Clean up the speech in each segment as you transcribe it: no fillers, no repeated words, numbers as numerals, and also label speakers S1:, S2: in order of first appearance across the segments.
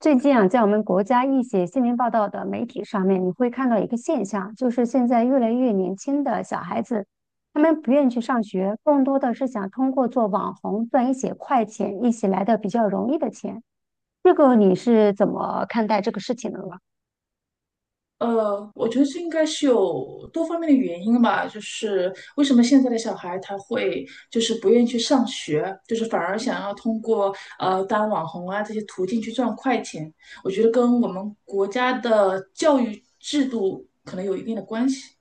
S1: 最近啊，在我们国家一些新闻报道的媒体上面，你会看到一个现象，就是现在越来越年轻的小孩子，他们不愿意去上学，更多的是想通过做网红赚一些快钱，一起来的比较容易的钱。这个你是怎么看待这个事情的呢？
S2: 我觉得这应该是有多方面的原因吧，就是为什么现在的小孩他会就是不愿意去上学，就是反而想要通过当网红啊这些途径去赚快钱，我觉得跟我们国家的教育制度可能有一定的关系。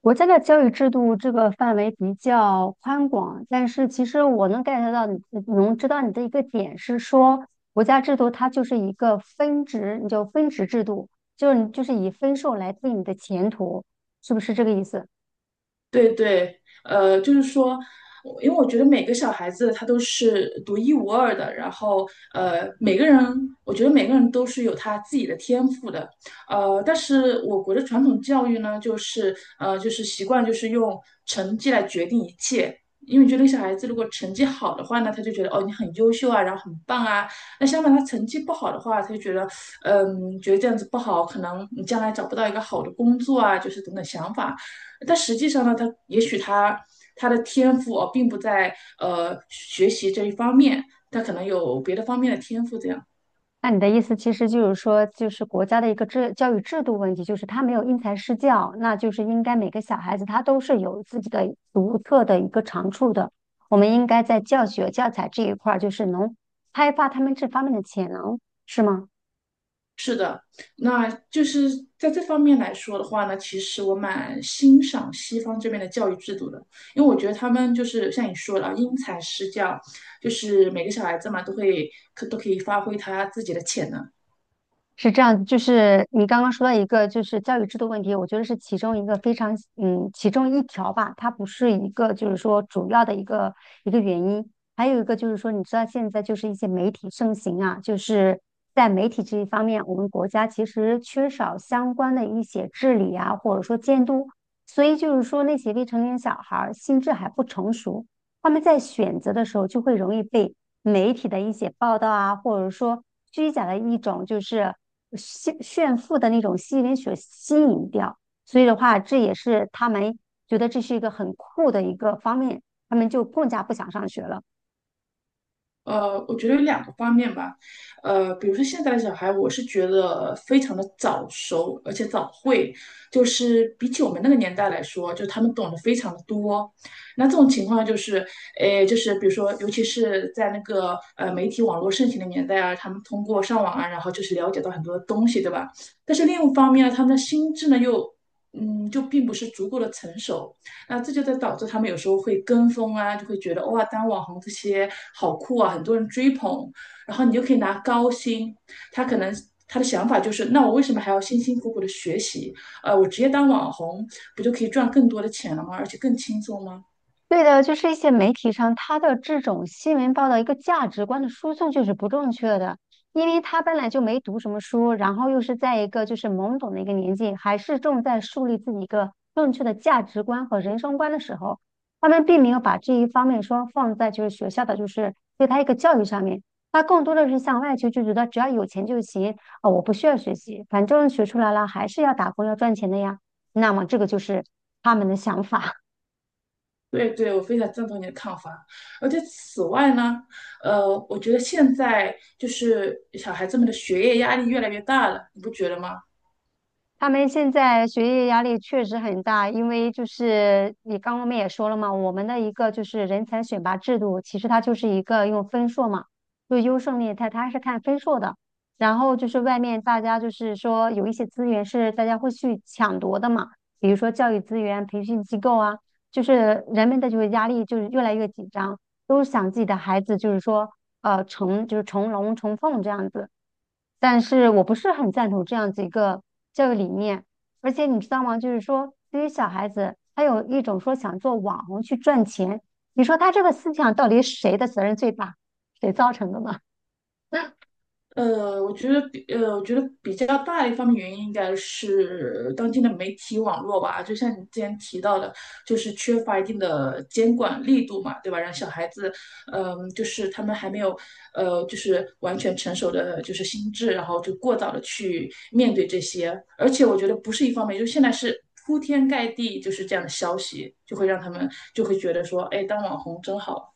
S1: 国家的教育制度这个范围比较宽广，但是其实我能 get 到你，能知道你的一个点是说，国家制度它就是一个分值，你就分值制度，就是你就是以分数来定你的前途，是不是这个意思？
S2: 对对，就是说，因为我觉得每个小孩子他都是独一无二的，然后呃，每个人，我觉得每个人都是有他自己的天赋的，但是我国的传统教育呢，就是习惯就是用成绩来决定一切。因为觉得小孩子如果成绩好的话呢，他就觉得哦你很优秀啊，然后很棒啊。那相反他成绩不好的话，他就觉得觉得这样子不好，可能你将来找不到一个好的工作啊，就是等等想法。但实际上呢，他也许他的天赋哦，并不在学习这一方面，他可能有别的方面的天赋。这样，
S1: 那你的意思其实就是说，就是国家的一个教育制度问题，就是他没有因材施教，那就是应该每个小孩子他都是有自己的独特的一个长处的。我们应该在教学教材这一块儿，就是能开发他们这方面的潜能，是吗？
S2: 那就是在这方面来说的话呢，其实我蛮欣赏西方这边的教育制度的，因为我觉得他们就是像你说的啊，因材施教，就是每个小孩子嘛，都可以发挥他自己的潜能。
S1: 是这样，就是你刚刚说到一个就是教育制度问题，我觉得是其中一个非常其中一条吧，它不是一个就是说主要的一个原因，还有一个就是说，你知道现在就是一些媒体盛行啊，就是在媒体这一方面，我们国家其实缺少相关的一些治理啊，或者说监督，所以就是说那些未成年小孩儿心智还不成熟，他们在选择的时候就会容易被媒体的一些报道啊，或者说虚假的一种就是炫富的那种吸引力所吸引掉。所以的话，这也是他们觉得这是一个很酷的一个方面，他们就更加不想上学了。
S2: 我觉得有两个方面吧，比如说现在的小孩，我是觉得非常的早熟，而且早会，就是比起我们那个年代来说，就他们懂得非常的多。那这种情况就是，诶，就是比如说，尤其是在那个媒体网络盛行的年代啊，他们通过上网啊，然后就是了解到很多东西，对吧？但是另一方面呢，他们的心智呢又，嗯，就并不是足够的成熟。那这就在导致他们有时候会跟风啊，就会觉得哇，当网红这些好酷啊，很多人追捧，然后你就可以拿高薪。他可能他的想法就是，那我为什么还要辛辛苦苦的学习？我直接当网红不就可以赚更多的钱了吗？而且更轻松吗？
S1: 对的，就是一些媒体上他的这种新闻报道一个价值观的输送就是不正确的，因为他本来就没读什么书，然后又是在一个就是懵懂的一个年纪，还是正在树立自己一个正确的价值观和人生观的时候，他们并没有把这一方面说放在就是学校的就是对他一个教育上面，他更多的是向外求，就觉得只要有钱就行啊，我不需要学习，反正学出来了还是要打工要赚钱的呀，那么这个就是他们的想法。
S2: 对对，我非常赞同你的看法。而且此外呢，我觉得现在就是小孩子们的学业压力越来越大了，你不觉得吗？
S1: 他们现在学业压力确实很大，因为就是你刚刚我们也说了嘛，我们的一个就是人才选拔制度，其实它就是一个用分数嘛，就优胜劣汰，它是看分数的。然后就是外面大家就是说有一些资源是大家会去抢夺的嘛，比如说教育资源、培训机构啊，就是人们的就是压力就是越来越紧张，都想自己的孩子就是说就是成龙成凤这样子。但是我不是很赞同这样子一个教育理念。而且你知道吗？就是说，对于小孩子，他有一种说想做网红去赚钱，你说他这个思想到底谁的责任最大？谁造成的呢？
S2: 我觉得比较大的一方面原因应该是当今的媒体网络吧，就像你之前提到的，就是缺乏一定的监管力度嘛，对吧？让小孩子，嗯、就是他们还没有，就是完全成熟的就是心智，然后就过早的去面对这些，而且我觉得不是一方面，就现在是。铺天盖地就是这样的消息，就会让他们就会觉得说，哎，当网红真好。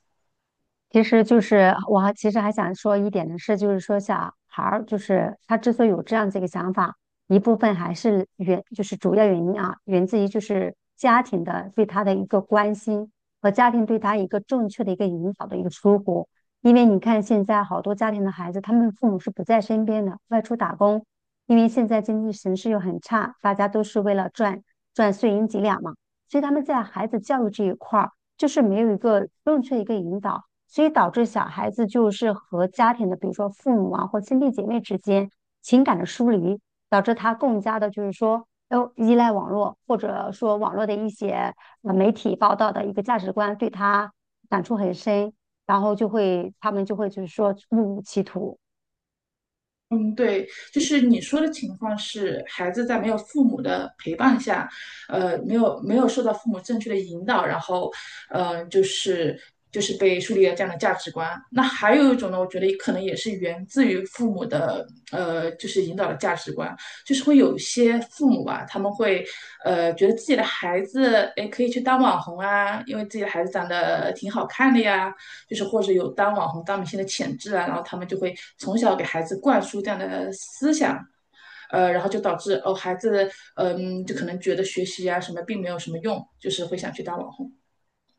S1: 其实就是我还其实还想说一点的是，就是说小孩儿就是他之所以有这样子一个想法，一部分还是就是主要原因啊，源自于就是家庭的对他的一个关心和家庭对他一个正确的一个引导的一个疏忽。因为你看现在好多家庭的孩子，他们父母是不在身边的，外出打工，因为现在经济形势又很差，大家都是为了赚碎银几两嘛，所以他们在孩子教育这一块儿，就是没有一个正确的一个引导，所以导致小孩子就是和家庭的，比如说父母啊或兄弟姐妹之间情感的疏离，导致他更加的就是说，哦，依赖网络，或者说网络的一些媒体报道的一个价值观对他感触很深，然后就会他们就会就是说误入歧途。
S2: 嗯，对，就是你说的情况是，孩子在没有父母的陪伴下，没有受到父母正确的引导，然后，呃，就是就是被树立了这样的价值观。那还有一种呢，我觉得可能也是源自于父母的，就是引导的价值观，就是会有一些父母啊，他们会，觉得自己的孩子，哎，可以去当网红啊，因为自己的孩子长得挺好看的呀，就是或者有当网红、当明星的潜质啊，然后他们就会从小给孩子灌输这样的思想，然后就导致哦，孩子嗯，就可能觉得学习啊什么并没有什么用，就是会想去当网红。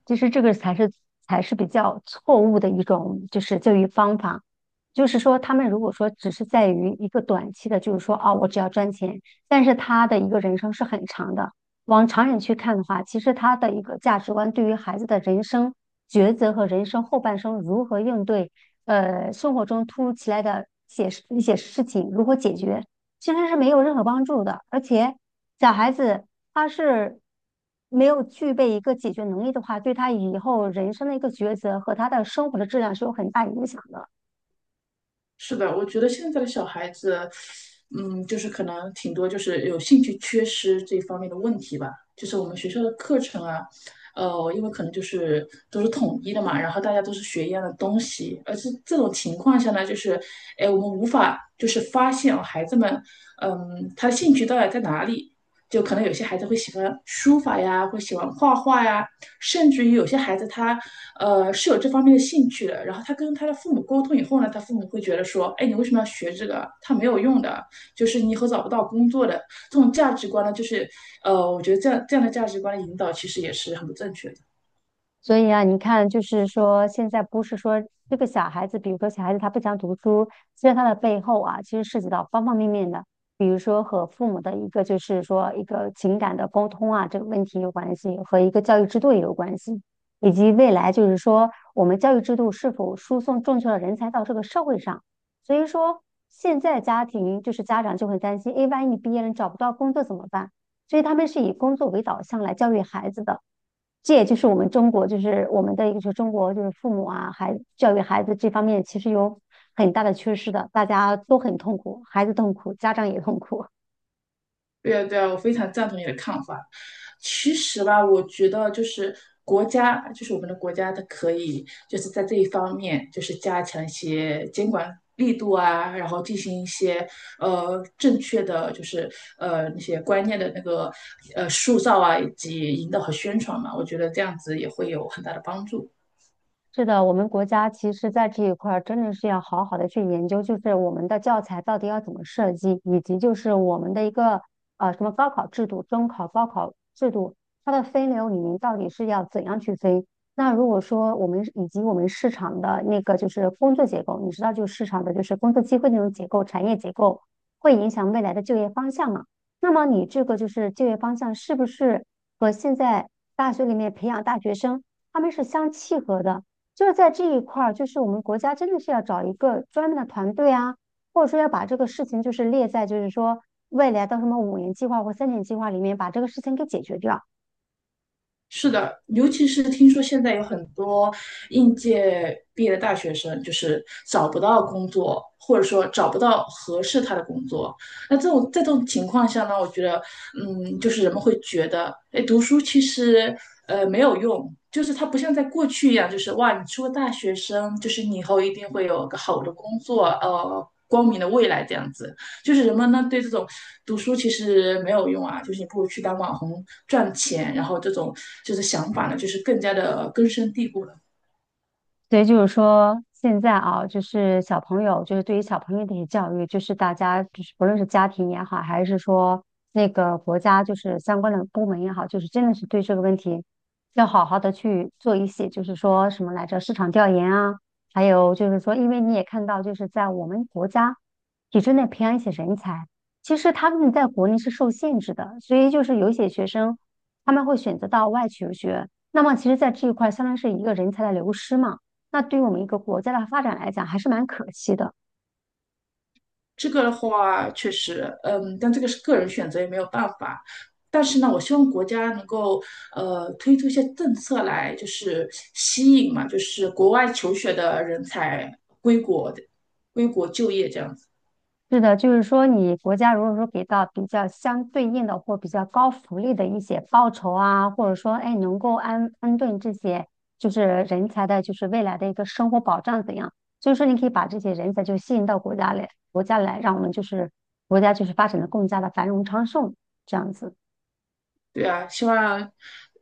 S1: 其实这个才是比较错误的一种就是教育方法，就是说他们如果说只是在于一个短期的，就是说啊，我只要赚钱，但是他的一个人生是很长的。往长远去看的话，其实他的一个价值观对于孩子的人生抉择和人生后半生如何应对，生活中突如其来的一些事情如何解决，其实是没有任何帮助的，而且小孩子他是没有具备一个解决能力的话，对他以后人生的一个抉择和他的生活的质量是有很大影响的。
S2: 是的，我觉得现在的小孩子，嗯，就是可能挺多就是有兴趣缺失这方面的问题吧。就是我们学校的课程啊，因为可能就是都是统一的嘛，然后大家都是学一样的东西，而是这种情况下呢，就是，哎，我们无法就是发现哦孩子们，嗯，他的兴趣到底在哪里？就可能有些孩子会喜欢书法呀，会喜欢画画呀，甚至于有些孩子他是有这方面的兴趣的，然后他跟他的父母沟通以后呢，他父母会觉得说，哎，你为什么要学这个？他没有用的，就是你以后找不到工作的。这种价值观呢，我觉得这样的价值观的引导其实也是很不正确的。
S1: 所以啊，你看，就是说，现在不是说这个小孩子，比如说小孩子他不想读书，其实他的背后啊，其实涉及到方方面面的，比如说和父母的一个就是说一个情感的沟通啊，这个问题有关系，和一个教育制度也有关系，以及未来就是说我们教育制度是否输送正确的人才到这个社会上。所以说，现在家庭就是家长就很担心，诶，万一你毕业了你找不到工作怎么办？所以他们是以工作为导向来教育孩子的。这也就是我们中国，就是我们的一个，就是中国就是父母啊，教育孩子这方面其实有很大的缺失的，大家都很痛苦，孩子痛苦，家长也痛苦。
S2: 对啊，对啊，我非常赞同你的看法。其实吧，我觉得就是国家，就是我们的国家，它可以就是在这一方面，就是加强一些监管力度啊，然后进行一些正确的，就是那些观念的那个塑造啊，以及引导和宣传嘛。我觉得这样子也会有很大的帮助。
S1: 是的，我们国家其实在这一块儿真的是要好好的去研究，就是我们的教材到底要怎么设计，以及就是我们的一个什么高考制度、中考、高考制度，它的分流里面到底是要怎样去分？那如果说我们以及我们市场的那个就是工作结构，你知道就市场的就是工作机会那种结构、产业结构，会影响未来的就业方向嘛？那么你这个就是就业方向是不是和现在大学里面培养大学生他们是相契合的？就是在这一块儿，就是我们国家真的是要找一个专门的团队啊，或者说要把这个事情就是列在就是说未来到什么五年计划或三年计划里面把这个事情给解决掉。
S2: 是的，尤其是听说现在有很多应届毕业的大学生，就是找不到工作，或者说找不到合适他的工作。那这种在这种情况下呢，我觉得，嗯，就是人们会觉得，哎，读书其实没有用，就是它不像在过去一样，就是哇，你是个大学生，就是你以后一定会有个好的工作，光明的未来这样子。就是人们呢对这种读书其实没有用啊，就是你不如去当网红赚钱，然后这种就是想法呢，就是更加的根深蒂固了。
S1: 所以就是说，现在啊，就是小朋友，就是对于小朋友的一些教育，就是大家就是不论是家庭也好，还是说那个国家就是相关的部门也好，就是真的是对这个问题要好好的去做一些，就是说什么来着，市场调研啊，还有就是说，因为你也看到，就是在我们国家体制内培养一些人才，其实他们在国内是受限制的，所以就是有一些学生他们会选择到外求学，那么其实在这一块相当于是一个人才的流失嘛。那对于我们一个国家的发展来讲，还是蛮可惜的。
S2: 这个的话，确实，嗯，但这个是个人选择，也没有办法。但是呢，我希望国家能够推出一些政策来，就是吸引嘛，就是国外求学的人才归国归国就业这样子。
S1: 是的，就是说，你国家如果说给到比较相对应的或比较高福利的一些报酬啊，或者说，哎，能够安顿这些就是人才的，就是未来的一个生活保障怎样？所以说，你可以把这些人才就吸引到国家来，让我们就是国家就是发展的更加的繁荣昌盛，这样子。
S2: 对啊，希望，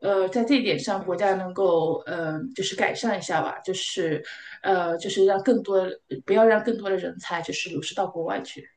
S2: 在这一点上，国家能够，就是改善一下吧，就是，呃，就是让更多，不要让更多的人才就是流失到国外去。